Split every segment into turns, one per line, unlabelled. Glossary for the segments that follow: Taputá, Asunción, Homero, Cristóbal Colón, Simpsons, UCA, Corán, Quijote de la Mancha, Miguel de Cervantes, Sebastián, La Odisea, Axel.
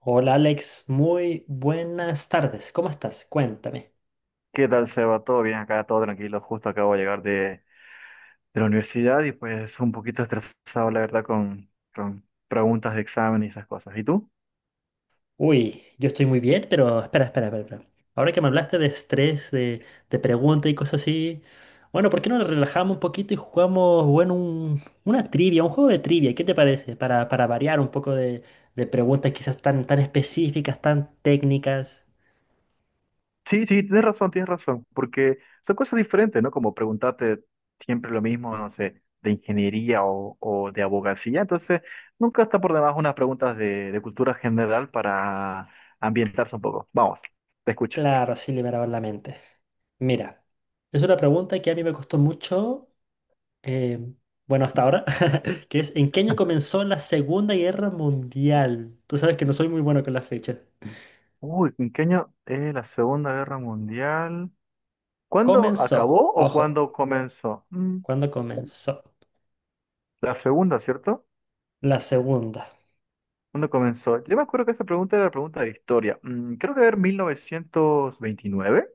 Hola Alex, muy buenas tardes. ¿Cómo estás? Cuéntame.
¿Qué tal, Seba? ¿Todo bien acá? ¿Todo tranquilo? Justo acabo de llegar de la universidad y pues un poquito estresado, la verdad, con preguntas de examen y esas cosas. ¿Y tú?
Uy, yo estoy muy bien, pero espera, espera, espera, espera. Ahora que me hablaste de estrés, de preguntas y cosas así, bueno, ¿por qué no nos relajamos un poquito y jugamos, bueno, una trivia, un juego de trivia? ¿Qué te parece? Para variar un poco de preguntas quizás tan, tan específicas, tan técnicas.
Sí, sí, tienes razón, porque son cosas diferentes, ¿no? Como preguntarte siempre lo mismo, no sé, de ingeniería o de abogacía. Entonces, nunca está por demás unas preguntas de cultura general para ambientarse un poco. Vamos, te escucho.
Claro, sí, liberaba la mente. Mira, es una pregunta que a mí me costó mucho eh, bueno, hasta ahora, que es ¿en qué año comenzó la Segunda Guerra Mundial? Tú sabes que no soy muy bueno con las fechas.
Uy, ¿en qué año es la Segunda Guerra Mundial? ¿Cuándo
Comenzó,
acabó o
ojo,
cuándo comenzó?
¿cuándo comenzó?
La segunda, ¿cierto?
La segunda.
¿Cuándo comenzó? Yo me acuerdo que esa pregunta era la pregunta de historia. Creo que era 1929.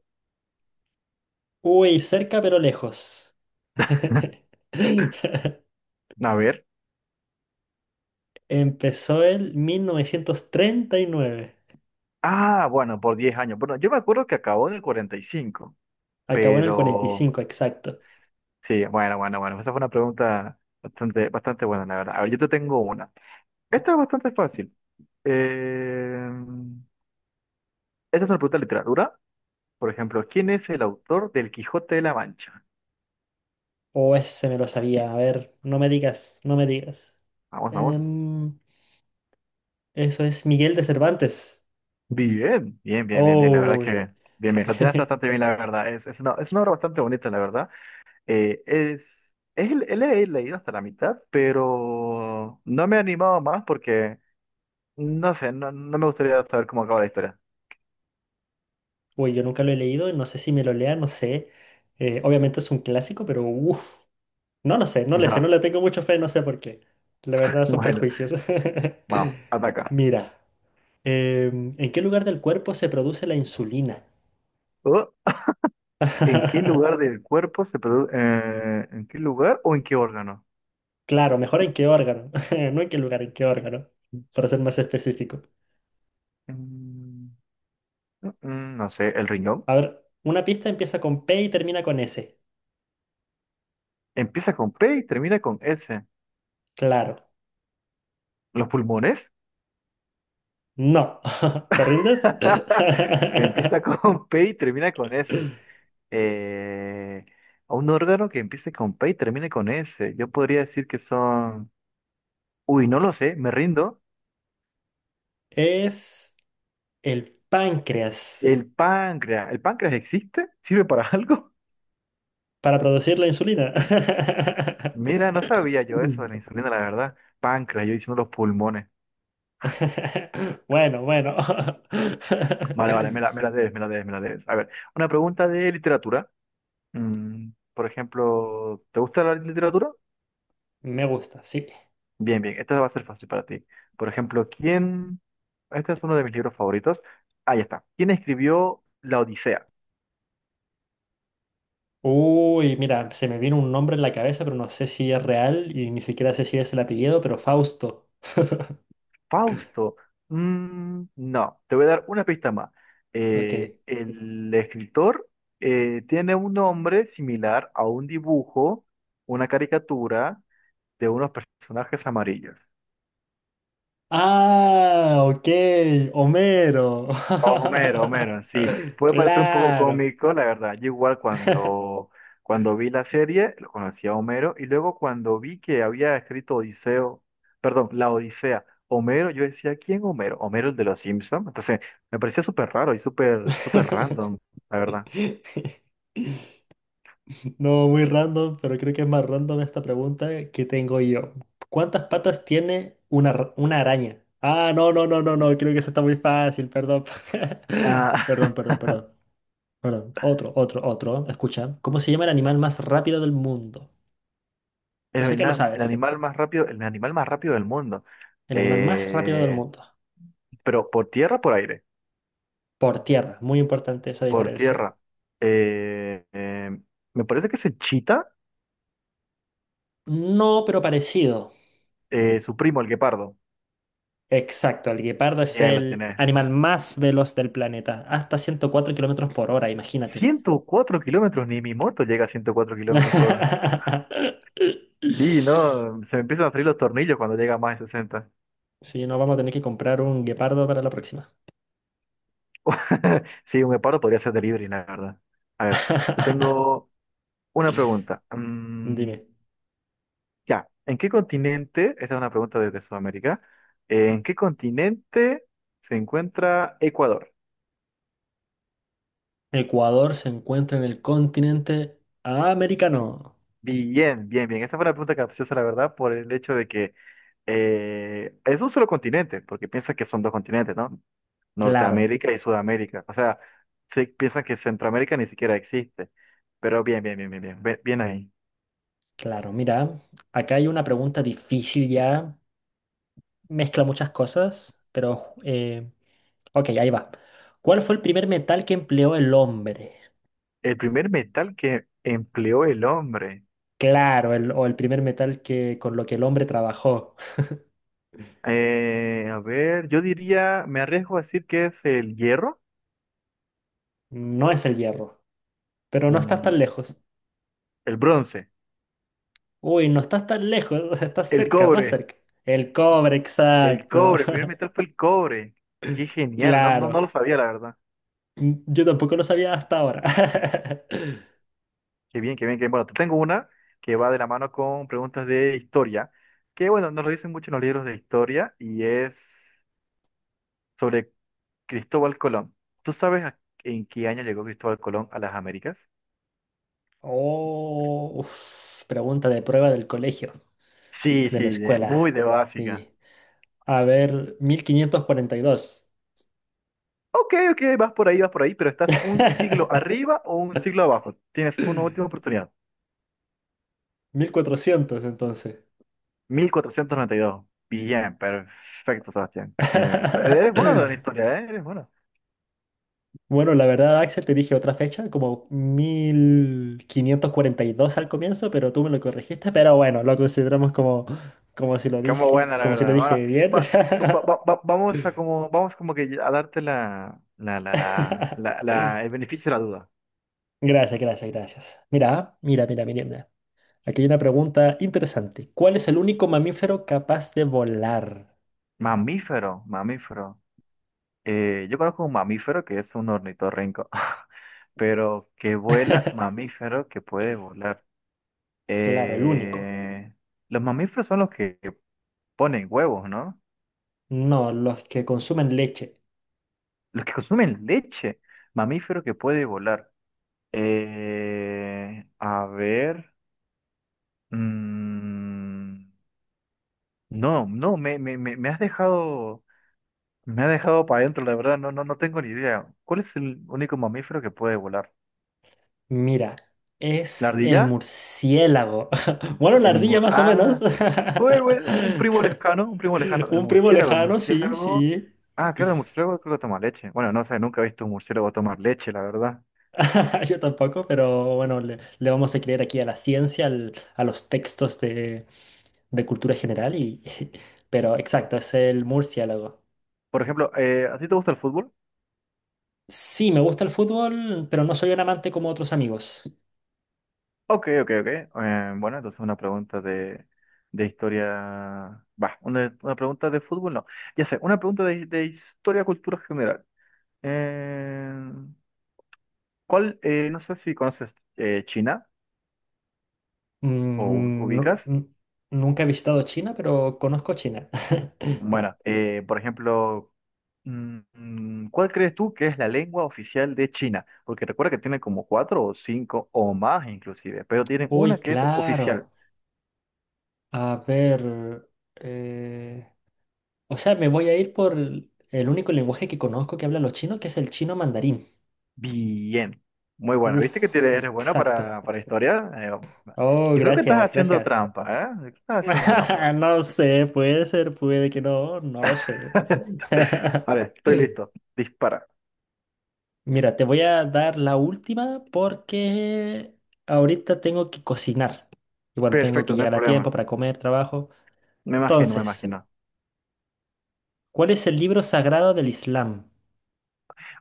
Uy, cerca pero lejos.
A ver.
Empezó en 1939.
Ah, bueno, por 10 años. Bueno, yo me acuerdo que acabó en el 45,
Acabó en el cuarenta y
pero...
cinco, exacto.
Sí, bueno, bueno, bueno. Esa fue una pregunta bastante, bastante buena, la verdad. A ver, yo te tengo una. Esta es bastante fácil. Eh, esta es una pregunta de literatura. Por ejemplo, ¿quién es el autor del Quijote de la Mancha?
O ese me lo sabía. A ver, no me digas, no me digas.
Vamos, vamos.
Em, eso es Miguel de Cervantes.
Bien, bien, bien, bien, bien. La verdad
Oh.
que bien, bien. Lo tiraste bastante bien, la verdad. Es una obra bastante bonita, la verdad. Le he leído hasta la mitad, pero no me he animado más porque, no sé, no me gustaría saber cómo acaba la historia.
Uy, yo nunca lo he leído, no sé si me lo lea, no sé. Obviamente es un clásico, pero uff, no lo sé,
No.
no le tengo mucho fe, no sé por qué. La verdad son
Bueno,
prejuicios.
vamos, ataca.
Mira, ¿en qué lugar del cuerpo se produce la insulina?
Oh, ¿en qué lugar del cuerpo se produce? ¿En qué lugar o en qué órgano?
Claro, mejor en qué órgano, no en qué lugar, en qué órgano, para ser más específico.
Mm, no sé, el riñón.
A ver, una pista empieza con P y termina con S.
Empieza con P y termina con S.
Claro,
¿Los pulmones?
no. ¿Te rindes?
Que empieza con P y termina con S. Eh, a un órgano que empiece con P y termine con S. Yo podría decir que son... Uy, no lo sé, me rindo.
Es el páncreas.
El páncreas. ¿El páncreas existe? ¿Sirve para algo?
para producir la insulina.
Mira, no sabía yo eso
Mm.
de la insulina, la verdad. Páncreas, yo diciendo los pulmones.
Bueno, bueno.
Vale, vale, me la debes, me la debes, me la debes. A ver, una pregunta de literatura. Mm, por ejemplo, ¿te gusta la literatura?
Me gusta, sí.
Bien, bien, esta va a ser fácil para ti. Por ejemplo, ¿quién? Este es uno de mis libros favoritos. Ahí está. ¿Quién escribió La Odisea?
Uy, mira, se me vino un nombre en la cabeza, pero no sé si es real y ni siquiera sé si es el apellido, pero Fausto.
Fausto. No, te voy a dar una pista más.
Ok.
El escritor tiene un nombre similar a un dibujo, una caricatura de unos personajes amarillos.
Ah, ok, Homero.
Homero, Homero, sí. Puede parecer un poco
Claro.
cómico, la verdad. Yo igual cuando vi la serie, lo conocía a Homero, y luego cuando vi que había escrito Odiseo, perdón, la Odisea, Homero, yo decía, ¿quién Homero? Homero el de los Simpsons. Entonces, me parecía súper raro y súper, súper random, la verdad.
No, muy random, pero creo que es más random esta pregunta que tengo yo. ¿Cuántas patas tiene una araña? Ah, no, no, no, no, no, creo que eso está muy fácil, perdón.
Ah,
Perdón, perdón, perdón. Perdón, otro, otro, otro. Escucha, ¿cómo se llama el animal más rápido del mundo? Yo sé que lo
el
sabes.
animal más rápido, el animal más rápido del mundo.
El animal más rápido del
Eh,
mundo.
pero por tierra, o por aire,
Por tierra, muy importante esa
por
diferencia.
tierra. Eh, eh, me parece que es el chita.
No, pero parecido.
Su primo, el guepardo,
Exacto, el guepardo es
ya la
el
tiene.
animal más veloz del planeta, hasta 104 kilómetros por hora, imagínate.
104 kilómetros, ni mi moto llega a 104 kilómetros por hora. Sí, no, se me empiezan a salir los tornillos cuando llega a más de 60.
Sí, no vamos a tener que comprar un guepardo para la próxima.
Sí, un guepardo podría ser delivery, la verdad. A ver, te tengo una pregunta. Mm,
Dime,
ya, ¿en qué continente, esta es una pregunta desde Sudamérica, ¿en qué continente se encuentra Ecuador?
¿Ecuador se encuentra en el continente americano?
Bien, bien, bien. Esa fue una pregunta capciosa, la verdad, por el hecho de que es un solo continente, porque piensa que son dos continentes, ¿no?
Claro,
Norteamérica y Sudamérica. O sea, sí piensan que Centroamérica ni siquiera existe. Pero bien, bien, bien, bien, bien, bien ahí.
claro. Mira, acá hay una pregunta difícil ya, mezcla muchas cosas, pero ok, ahí va. ¿Cuál fue el primer metal que empleó el hombre?
El primer metal que empleó el hombre.
Claro, el- o el primer metal que, con lo que el hombre trabajó.
A ver, yo diría, me arriesgo a decir que es el hierro.
No es el hierro, pero no estás tan
Mm,
lejos.
el bronce,
Uy, no estás tan lejos, o estás
el
cerca, más
cobre,
cerca. El cobre,
el
exacto.
cobre. El primer metal fue el cobre. Qué genial, no, no, no
Claro.
lo sabía, la verdad.
Mm, yo tampoco lo sabía hasta ahora.
Qué bien, qué bien, qué bien. Bueno, te tengo una que va de la mano con preguntas de historia, que bueno, nos lo dicen mucho en los libros de historia y es sobre Cristóbal Colón. ¿Tú sabes en qué año llegó Cristóbal Colón a las Américas?
Oh, uf, pregunta de prueba del colegio,
Sí,
de
sí,
la escuela.
muy de
Sí.
básica.
A ver, 1542,
Ok, ok, vas por ahí, pero estás un siglo arriba o un siglo abajo. Tienes una última oportunidad.
1400 entonces.
1492. Bien, perfecto, Sebastián. Bien, bien. Bien. Eres bueno en historia, ¿eh? Eres bueno.
Bueno, la verdad, Axel, te dije otra fecha, como 1542 al comienzo, pero tú me lo corregiste, pero bueno, lo consideramos como si lo
Como
dije,
buena, la
como si lo
verdad.
dije bien.
Vamos a como, vamos como que a darte el beneficio de la duda.
Gracias, gracias, gracias. Mira, mira, mira, mira, mira. Aquí hay una pregunta interesante. ¿Cuál es el único mamífero capaz de volar?
Mamífero, mamífero. Yo conozco un mamífero que es un ornitorrinco, pero que vuela, mamífero que puede volar.
Claro, el único.
Eh, los mamíferos son los que ponen huevos, ¿no?
No, los que consumen leche.
Los que consumen leche. Mamífero que puede volar. A ver. mm, No, no, me has dejado para adentro, la verdad, no, no, no tengo ni idea. ¿Cuál es el único mamífero que puede volar?
Mira,
¿La
es el
ardilla?
murciélago. Bueno, la ardilla más o menos.
Ah, bueno, bueno, un primo lejano, un primo lejano. El
Un primo
murciélago, el
lejano, sí,
murciélago.
sí.
Ah, claro, el murciélago creo que toma leche. Bueno, no sé, nunca he visto un murciélago tomar leche, la verdad.
Yo tampoco, pero bueno, le vamos a creer aquí a la ciencia, a los textos de cultura general y... Pero exacto, es el murciélago.
Por ejemplo, ¿a ti te gusta el fútbol?
Sí, me gusta el fútbol, pero no soy un amante como otros amigos.
Ok, ok, ok. Bueno, entonces una pregunta de historia. Va, una pregunta de fútbol, no. Ya sé, una pregunta de historia, cultura general. Eh, ¿Cuál? No sé si conoces China o
Mm, nu-
ubicas.
nu- nunca he visitado China, pero conozco China.
Bueno, por ejemplo, ¿cuál crees tú que es la lengua oficial de China? Porque recuerda que tienen como cuatro o cinco o más inclusive, pero tienen
Uy,
una que es oficial.
claro. A ver, eh, o sea, me voy a ir por el único lenguaje que conozco que hablan los chinos, que es el chino mandarín.
Bien, muy bueno. ¿Viste que
Uf,
eres bueno
exacto.
para historia?
Oh,
Yo creo que estás
gracias,
haciendo
gracias.
trampa, ¿eh? Yo creo que estás haciendo trampa.
No sé, puede ser, puede que no, no lo sé.
Vale, estoy listo. Dispara.
Mira, te voy a dar la última porque ahorita tengo que cocinar. Y bueno, tengo que
Perfecto, no hay
llegar a tiempo
problema.
para comer, trabajo.
Me imagino, me
Entonces,
imagino.
¿cuál es el libro sagrado del Islam?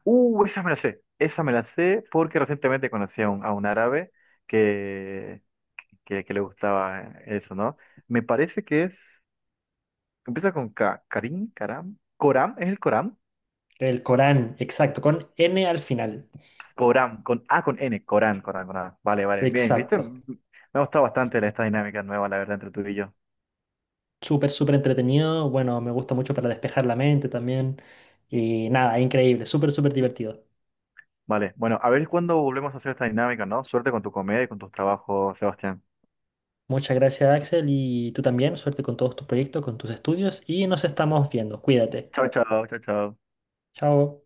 Esa me la sé. Esa me la sé porque recientemente conocí a a un árabe que, que le gustaba eso, ¿no? Me parece que es. Empieza con K. Karim, Karam. Coram, ¿es el Coram?
El Corán, exacto, con N al final.
Coram, con A, con N. Corán, Corán, Corán. Vale, vale, bien, ¿viste?
Exacto.
Mm, mm, me ha gustado bastante esta dinámica nueva, la verdad, entre tú y yo.
Súper, súper entretenido. Bueno, me gusta mucho para despejar la mente también. Y nada, increíble, súper, súper divertido.
Vale, bueno, a ver cuándo volvemos a hacer esta dinámica, ¿no? Suerte con tu comedia y con tus trabajos, Sebastián.
Muchas gracias, Axel, y tú también. Suerte con todos tus proyectos, con tus estudios, y nos estamos viendo. Cuídate.
Chao, chao, chao, chao.
Chao.